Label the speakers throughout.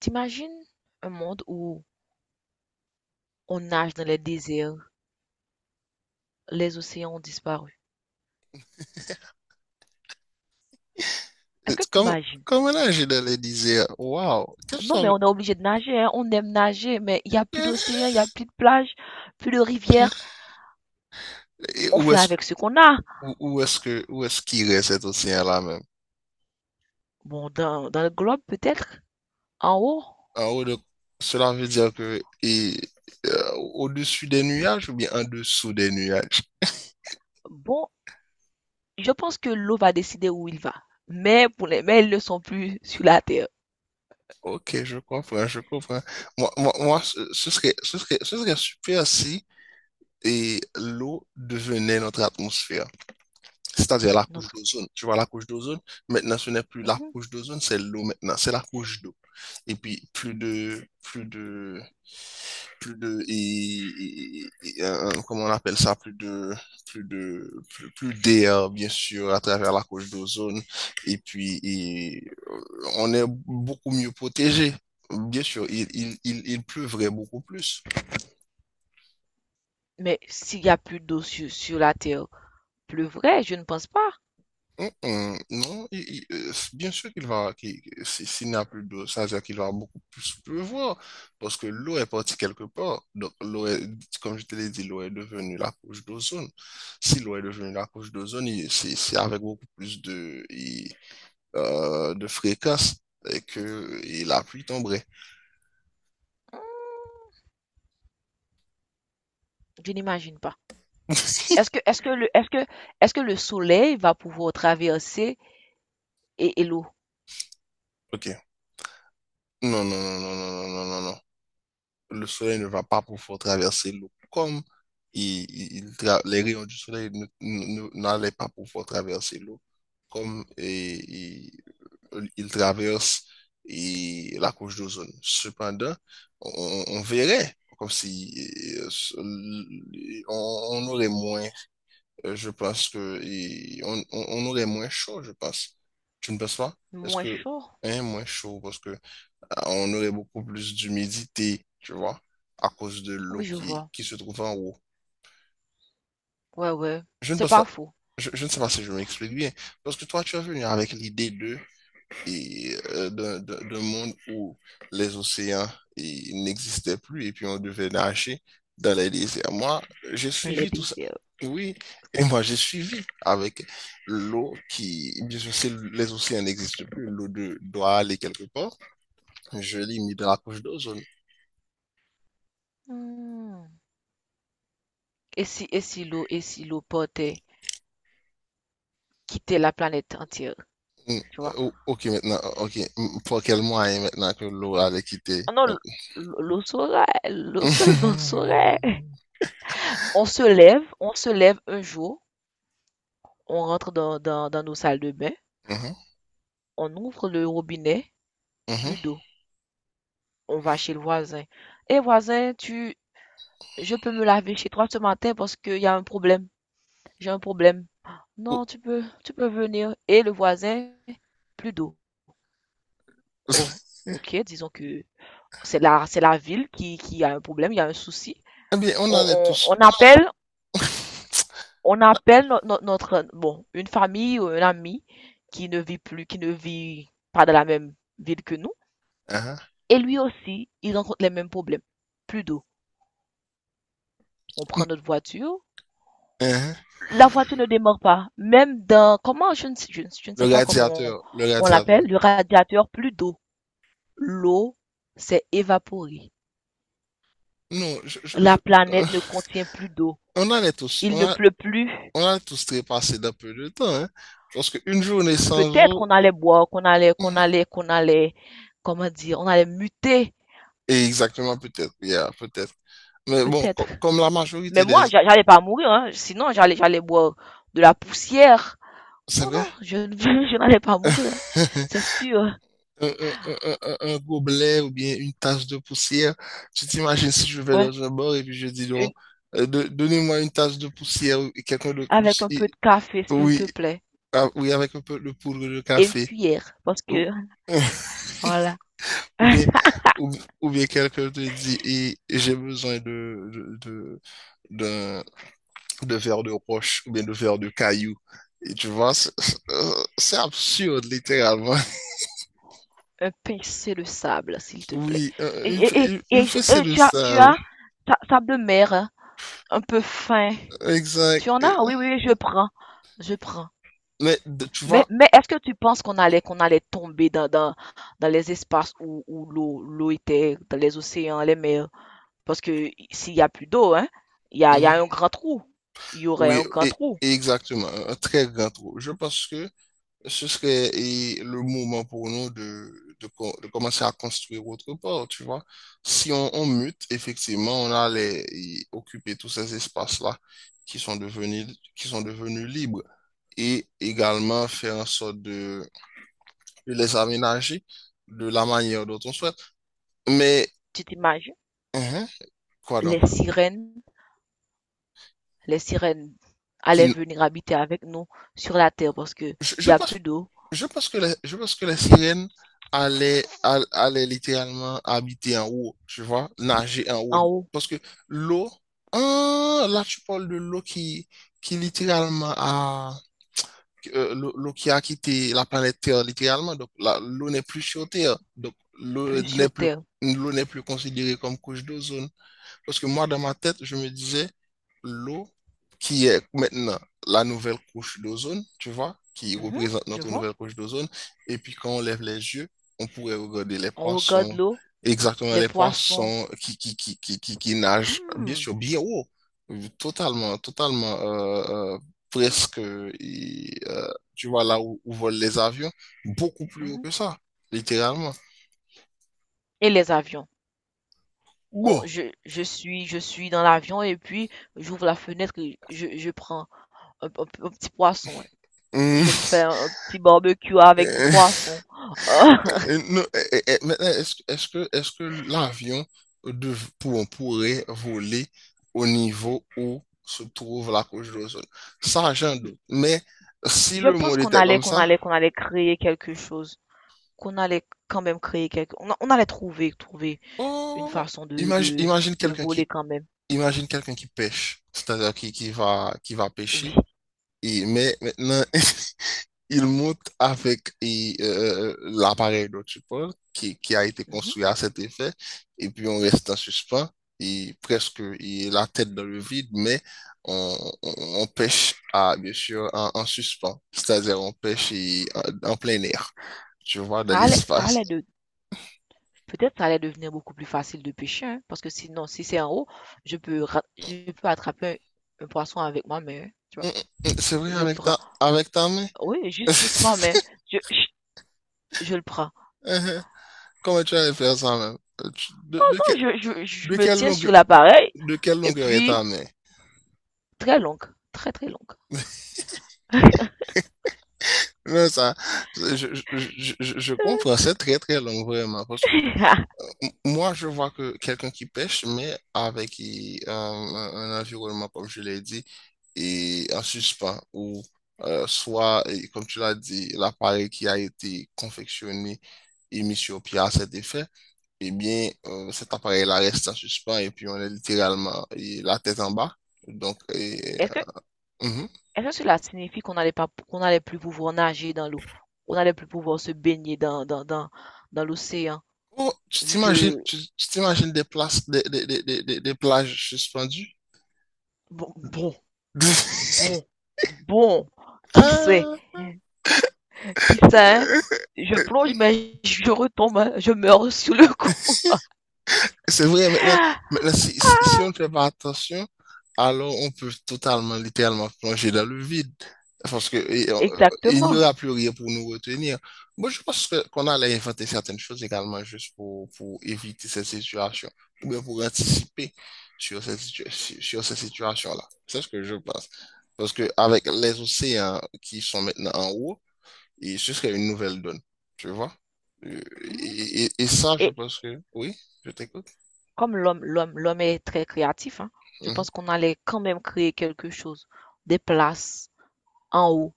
Speaker 1: T'imagines un monde où on nage dans les déserts, les océans ont disparu. Est-ce
Speaker 2: It's
Speaker 1: que
Speaker 2: Comme
Speaker 1: t'imagines?
Speaker 2: como era a Gina lhe qu'est-ce que
Speaker 1: Non, mais
Speaker 2: sabe?
Speaker 1: on est obligé de nager, hein. On aime nager, mais il n'y a plus d'océan, il n'y a plus de plage, plus de rivière.
Speaker 2: Et
Speaker 1: On
Speaker 2: où
Speaker 1: fait
Speaker 2: est-ce
Speaker 1: avec ce qu'on a.
Speaker 2: où, où est-ce que Où est-ce qu'il reste cet océan-là même?
Speaker 1: Bon, dans le globe peut-être, en haut.
Speaker 2: En haut de- Cela veut dire que, au-dessus des nuages ou bien en dessous des nuages?
Speaker 1: Bon, je pense que l'eau va décider où il va. Mais pour les mais ils ne sont plus sur la terre.
Speaker 2: Ok, je comprends, je comprends. Moi, ce serait super si l'eau devenait notre atmosphère. C'est-à-dire la couche
Speaker 1: Notre.
Speaker 2: d'ozone. Tu vois, la couche d'ozone, maintenant, ce n'est plus la
Speaker 1: Mhm.
Speaker 2: couche d'ozone, c'est l'eau maintenant, c'est la couche d'eau. Et puis, plus de, et, et- comment on appelle ça, plus d'air, bien sûr, à travers la couche d'ozone. Et puis, euh, on est beaucoup mieux protégé. Bien sûr, il pleuvrait beaucoup plus.
Speaker 1: Mais s'il y a plus d'eau sur la terre, pleuvrait, je ne pense pas.
Speaker 2: Non, bien sûr qu'il va, qu'il- si- s'il n'y a plus d'eau, ça veut dire qu'il va beaucoup plus pleuvoir parce que l'eau est partie quelque part. Donc, l'eau est, comme je te l'ai dit, l'eau est devenue la couche d'ozone. Si l'eau est devenue la couche d'ozone, c'est avec beaucoup plus de, de fréquence, que la pluie tomberait.
Speaker 1: Hmm, je n'imagine pas. Est-ce que, est-ce que le, est-ce que, est-ce que le soleil va pouvoir traverser l'eau?
Speaker 2: Ok. Non, non, non, non, non, non, non, non, non. Le soleil ne va pas pouvoir traverser l'eau. Comme les rayons du soleil n'allaient pas pouvoir traverser l'eau, comme, il traverse la couche d'ozone. Cependant, on verrait comme si on aurait moins, je pense que on aurait moins chaud, je pense. Tu ne penses pas? Est-ce
Speaker 1: Moins
Speaker 2: que
Speaker 1: chaud?
Speaker 2: un moins chaud parce que on aurait beaucoup plus d'humidité, tu vois, à cause de l'eau
Speaker 1: Oui, je
Speaker 2: qui,
Speaker 1: vois.
Speaker 2: qui se trouve en haut.
Speaker 1: Ouais, ouais.
Speaker 2: Je ne
Speaker 1: C'est
Speaker 2: pense pas,
Speaker 1: pas faux.
Speaker 2: je ne sais pas si je m'explique bien, parce que toi, tu es venu avec l'idée de, d'un monde où les océans n'existaient plus et puis on devait nager dans les déserts. Moi, j'ai
Speaker 1: Dans les
Speaker 2: suivi tout ça.
Speaker 1: déserts.
Speaker 2: Oui, et moi j'ai suivi avec l'eau qui, bien sûr, si les océans n'existent plus, l'eau doit aller quelque part. Je limite la couche d'eau.
Speaker 1: Mmh. Et si l'eau portait quitter la planète entière,
Speaker 2: Mm,
Speaker 1: tu vois?
Speaker 2: Ok, maintenant, oh, ok. Pour quel moyen maintenant que l'eau allait quitter?
Speaker 1: Ah non, l'eau saurait, l'eau seulement
Speaker 2: Mhm,
Speaker 1: saurait. On se lève un jour, on rentre dans nos salles de bain,
Speaker 2: mhm,
Speaker 1: on ouvre le robinet,
Speaker 2: mhm.
Speaker 1: plus d'eau. On va chez le voisin. Et voisin, tu, je peux me laver chez toi ce matin parce qu'il y a un problème. J'ai un problème.
Speaker 2: Ou-
Speaker 1: Non, tu peux venir. Et le voisin, plus d'eau. Oh, ok, disons que c'est la ville qui a un problème, il y a un souci.
Speaker 2: Eh bien, on allait
Speaker 1: On, on,
Speaker 2: tous.
Speaker 1: on appelle, on appelle notre, bon, une famille ou un ami qui ne vit plus, qui ne vit pas dans la même ville que nous.
Speaker 2: Ah,
Speaker 1: Et lui aussi, il rencontre les mêmes problèmes. Plus d'eau. On prend notre voiture.
Speaker 2: ah.
Speaker 1: La voiture ne démarre pas. Même dans, comment, je ne
Speaker 2: Le
Speaker 1: sais pas comment on,
Speaker 2: radiateur, le
Speaker 1: on
Speaker 2: radiateur.
Speaker 1: l'appelle, le radiateur, plus d'eau. L'eau s'est évaporée.
Speaker 2: Non,
Speaker 1: La planète ne contient plus d'eau.
Speaker 2: On allait tous,
Speaker 1: Il ne pleut plus.
Speaker 2: on allait tous trépasser d'un peu de temps, hein. Parce qu'une journée sans
Speaker 1: Peut-être qu'on
Speaker 2: eau, oh,
Speaker 1: allait boire, qu'on allait, qu'on
Speaker 2: hmm.
Speaker 1: allait, qu'on allait, comment dire, on allait muter,
Speaker 2: Et exactement, peut-être, yeah, peut-être. Mais bon,
Speaker 1: peut-être.
Speaker 2: comme la
Speaker 1: Mais
Speaker 2: majorité des...
Speaker 1: moi, j'allais pas mourir, hein. Sinon, j'allais boire de la poussière.
Speaker 2: C'est
Speaker 1: Non,
Speaker 2: vrai?
Speaker 1: non, je, je n'allais pas mourir, hein. C'est sûr.
Speaker 2: un, un, un gobelet ou bien une tasse de poussière. Tu t'imagines si je vais
Speaker 1: Ouais.
Speaker 2: dans un bar et puis je dis, non,
Speaker 1: Une,
Speaker 2: donnez-moi une tasse de poussière et quelqu'un
Speaker 1: avec un peu de café, s'il te
Speaker 2: oui,
Speaker 1: plaît.
Speaker 2: ah, oui, avec un peu de poudre de
Speaker 1: Et une
Speaker 2: café.
Speaker 1: cuillère, parce
Speaker 2: Ou,
Speaker 1: que, voilà,
Speaker 2: ou bien, ou, ou bien quelqu'un te dit, j'ai besoin de, de, d'un- de verre de roche ou bien de verre de caillou. Et tu vois, c'est absurde, littéralement.
Speaker 1: un pincé de sable, s'il te plaît.
Speaker 2: Oui,
Speaker 1: Et, et, et,
Speaker 2: une
Speaker 1: et je-
Speaker 2: fessée
Speaker 1: et
Speaker 2: de
Speaker 1: tu as,
Speaker 2: ça.
Speaker 1: sable de mer, hein, un peu fin.
Speaker 2: Exact.
Speaker 1: Tu en as? Oui, oui, oui, je prends. Je prends.
Speaker 2: Mais tu vois,
Speaker 1: Mais est-ce que tu penses qu'on allait tomber dans les espaces où, où l'eau était, dans les océans, les mers? Parce que s'il y a plus d'eau, hein, il y a
Speaker 2: mhm,
Speaker 1: un grand trou. Il y aurait
Speaker 2: oui,
Speaker 1: un grand
Speaker 2: et,
Speaker 1: trou.
Speaker 2: et exactement, un très grand trou. Je pense que ce serait le moment pour nous de commencer à construire autre part, tu vois. Si on mute, effectivement, on allait y occuper tous ces espaces-là qui sont devenus, qui sont devenus libres et également faire en sorte de les aménager de la manière dont on souhaite. Mais,
Speaker 1: Tu t'imagines?
Speaker 2: mhm, quoi donc?
Speaker 1: Les sirènes, les sirènes allaient
Speaker 2: Qui,
Speaker 1: venir habiter avec nous sur la terre parce que il
Speaker 2: je
Speaker 1: y a
Speaker 2: pense
Speaker 1: plus d'eau
Speaker 2: Je pense que les, Je pense que les sirènes allaient littéralement habiter en haut, tu vois, nager en haut.
Speaker 1: en haut,
Speaker 2: Parce que l'eau, ah, là tu parles de l'eau qui littéralement a, l'eau qui a quitté la planète Terre littéralement. Donc l'eau n'est plus sur Terre. Donc l'eau
Speaker 1: plus
Speaker 2: n'est
Speaker 1: sur
Speaker 2: plus,
Speaker 1: terre.
Speaker 2: l'eau n'est plus considérée comme couche d'ozone. Parce que moi, dans ma tête, je me disais, l'eau qui est maintenant la nouvelle couche d'ozone, tu vois, qui
Speaker 1: Mhm,
Speaker 2: représente
Speaker 1: je
Speaker 2: notre
Speaker 1: vois.
Speaker 2: nouvelle couche d'ozone, et puis quand on lève les yeux, on pourrait regarder les
Speaker 1: On regarde
Speaker 2: poissons,
Speaker 1: l'eau,
Speaker 2: exactement
Speaker 1: les
Speaker 2: les
Speaker 1: poissons.
Speaker 2: poissons qui nagent, bien
Speaker 1: Hmm,
Speaker 2: sûr, bien haut, totalement, totalement, presque, tu vois, là où volent les avions, beaucoup plus haut
Speaker 1: mhm.
Speaker 2: que ça, littéralement.
Speaker 1: Et les avions.
Speaker 2: Bon.
Speaker 1: Je suis dans l'avion et puis j'ouvre la fenêtre et je prends un, un- un petit poisson. Ouais.
Speaker 2: Hum.
Speaker 1: Je me fais un petit barbecue avec du poisson.
Speaker 2: Non, maintenant, est-ce que l'avion pourrait voler au niveau où se trouve la couche d'ozone? Ça, j'en
Speaker 1: Je
Speaker 2: doute. Mais si
Speaker 1: je
Speaker 2: le
Speaker 1: pense
Speaker 2: monde
Speaker 1: qu'on
Speaker 2: était
Speaker 1: allait,
Speaker 2: comme
Speaker 1: qu'on
Speaker 2: ça,
Speaker 1: allait, qu'on allait créer quelque chose, qu'on allait quand même créer quelque, on allait trouver une
Speaker 2: oh,
Speaker 1: façon
Speaker 2: imagine, imagine
Speaker 1: de
Speaker 2: quelqu'un
Speaker 1: voler
Speaker 2: qui,
Speaker 1: quand même.
Speaker 2: imagine quelqu'un qui pêche, c'est-à-dire qui va
Speaker 1: Oui.
Speaker 2: pêcher. Mais maintenant, il monte avec l'appareil dont tu parles, qui a été
Speaker 1: Mhm.
Speaker 2: construit à cet effet, et puis on reste en suspens, et presque la tête dans le vide, mais on, on, on pêche, bien sûr, en suspens, c'est-à-dire on pêche en plein air, tu vois, dans
Speaker 1: Ça
Speaker 2: l'espace.
Speaker 1: allait de, peut-être ça allait devenir beaucoup plus facile de pêcher, hein, parce que sinon, si c'est en haut, je peux attraper un poisson avec ma main, hein, tu vois?
Speaker 2: C'est vrai,
Speaker 1: Je le prends.
Speaker 2: avec ta main.
Speaker 1: Oui, juste ma main. Je, je, je le prends.
Speaker 2: Uh-huh. Comment tu allais faire ça même?
Speaker 1: Oh non, je
Speaker 2: De
Speaker 1: me
Speaker 2: quelle
Speaker 1: tiens sur
Speaker 2: longueur,
Speaker 1: l'appareil,
Speaker 2: de quelle
Speaker 1: et
Speaker 2: longueur est
Speaker 1: puis,
Speaker 2: ta main?
Speaker 1: très longue, très très longue.
Speaker 2: Non, ça, je comprends, c'est très très long vraiment, parce que moi je vois que quelqu'un qui pêche, mais avec un environnement, comme je l'ai dit, et en suspens, ou soit, et comme tu l'as dit, l'appareil qui a été confectionné et mis sur pied à cet effet, eh bien, cet appareil-là reste en suspens et puis on est littéralement et la tête en bas. Donc, et,
Speaker 1: Est-ce que,
Speaker 2: euh, mhm.
Speaker 1: est-ce que cela signifie qu'on n'allait pas, qu'on n'allait plus pouvoir nager dans l'eau? Qu'on n'allait plus pouvoir se baigner dans l'océan,
Speaker 2: Oh, tu
Speaker 1: vu
Speaker 2: t'imagines,
Speaker 1: que,
Speaker 2: tu tu t'imagines des, places, des plages suspendues?
Speaker 1: bon, bon, bon, bon, qui sait?
Speaker 2: Ah!
Speaker 1: Qui sait, je plonge, mais je retombe, je meurs sous le coup.
Speaker 2: C'est vrai, maintenant si on ne fait pas attention, alors on peut totalement, littéralement plonger dans le vide. Parce que il n'y
Speaker 1: Exactement.
Speaker 2: aura plus rien pour nous retenir. Moi, je pense que qu'on allait inventer certaines choses également juste pour éviter cette situation, ou bien pour anticiper sur sur cette situation-là. C'est ce que je pense. Parce que avec les océans qui sont maintenant en haut, ce serait une nouvelle donne. Tu vois? Euh,
Speaker 1: Mhm.
Speaker 2: et ça, je
Speaker 1: Et
Speaker 2: pense que oui, je t'écoute.
Speaker 1: comme l'homme est très créatif, hein, je
Speaker 2: Hum.
Speaker 1: pense qu'on allait quand même créer quelque chose, des places. En haut,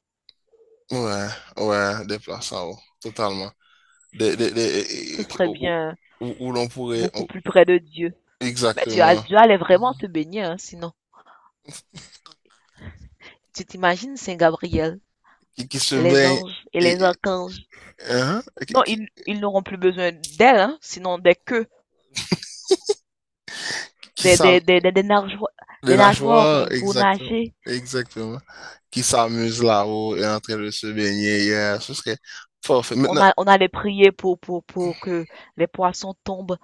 Speaker 2: Ouais, ouais, des places en haut, totalement. Des, des,
Speaker 1: ce
Speaker 2: des-
Speaker 1: serait
Speaker 2: où
Speaker 1: bien
Speaker 2: où l'on pourrait
Speaker 1: beaucoup
Speaker 2: où-
Speaker 1: plus près de Dieu. Mais Dieu,
Speaker 2: Exactement,
Speaker 1: Dieu allait vraiment se baigner, hein, sinon. Tu t'imagines Saint Gabriel,
Speaker 2: qui se
Speaker 1: les
Speaker 2: baigne,
Speaker 1: anges et les
Speaker 2: et,
Speaker 1: archanges.
Speaker 2: hein,
Speaker 1: Non, ils n'auront plus besoin d'elle, hein, sinon des queues,
Speaker 2: qui
Speaker 1: des,
Speaker 2: s'am-
Speaker 1: des, des, des, des nageoires,
Speaker 2: les
Speaker 1: des nageoires
Speaker 2: nageoires,
Speaker 1: pour
Speaker 2: exactement,
Speaker 1: nager.
Speaker 2: exactement, qui s'amusent là-haut et en train de se baigner, yeah, ce serait parfait. Maintenant,
Speaker 1: On allait prier pour que les poissons tombent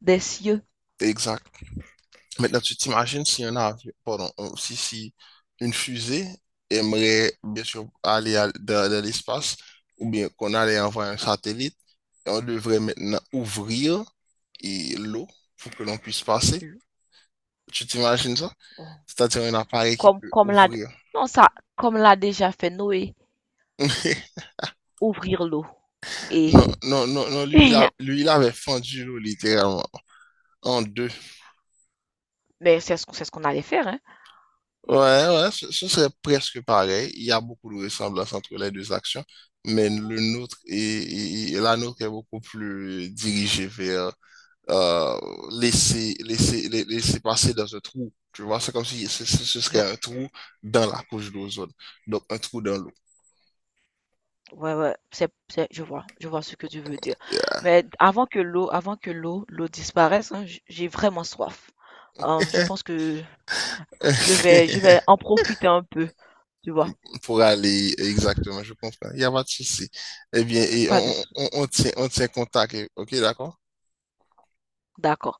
Speaker 1: des cieux.
Speaker 2: exact. Maintenant, tu t'imagines si un avion, pardon, si une fusée aimerait bien sûr aller dans l'espace, ou bien qu'on allait envoyer un satellite, et on devrait maintenant ouvrir l'eau pour que l'on puisse passer. Tu t'imagines ça?
Speaker 1: Oh,
Speaker 2: C'est-à-dire un appareil qui peut
Speaker 1: Comme l'a,
Speaker 2: ouvrir.
Speaker 1: non, ça, comme l'a déjà fait Noé, ouvrir l'eau. Et,
Speaker 2: Non, non, non, non, lui, il avait fendu l'eau littéralement en deux.
Speaker 1: mais c'est ce qu'on allait faire, hein.
Speaker 2: Ouais, ouais, ce serait presque pareil. Il y a beaucoup de ressemblances entre les deux actions, mais le nôtre est, est- est- la nôtre est beaucoup plus dirigée vers euh, laisser passer dans un trou. Tu vois, c'est comme si ce
Speaker 1: Genre,
Speaker 2: serait un trou dans la couche d'ozone, donc un trou dans l'eau.
Speaker 1: ouais, ouais, je vois ce que tu veux dire.
Speaker 2: Yeah.
Speaker 1: Mais avant que l'eau disparaisse, hein, j'ai vraiment soif. Je pense que je vais en profiter un peu, tu vois.
Speaker 2: Pour aller exactement, je comprends. Il n'y a pas de souci. Eh bien,
Speaker 1: Pas de, sou-
Speaker 2: on tient contact. Ok, d'accord?
Speaker 1: d'accord.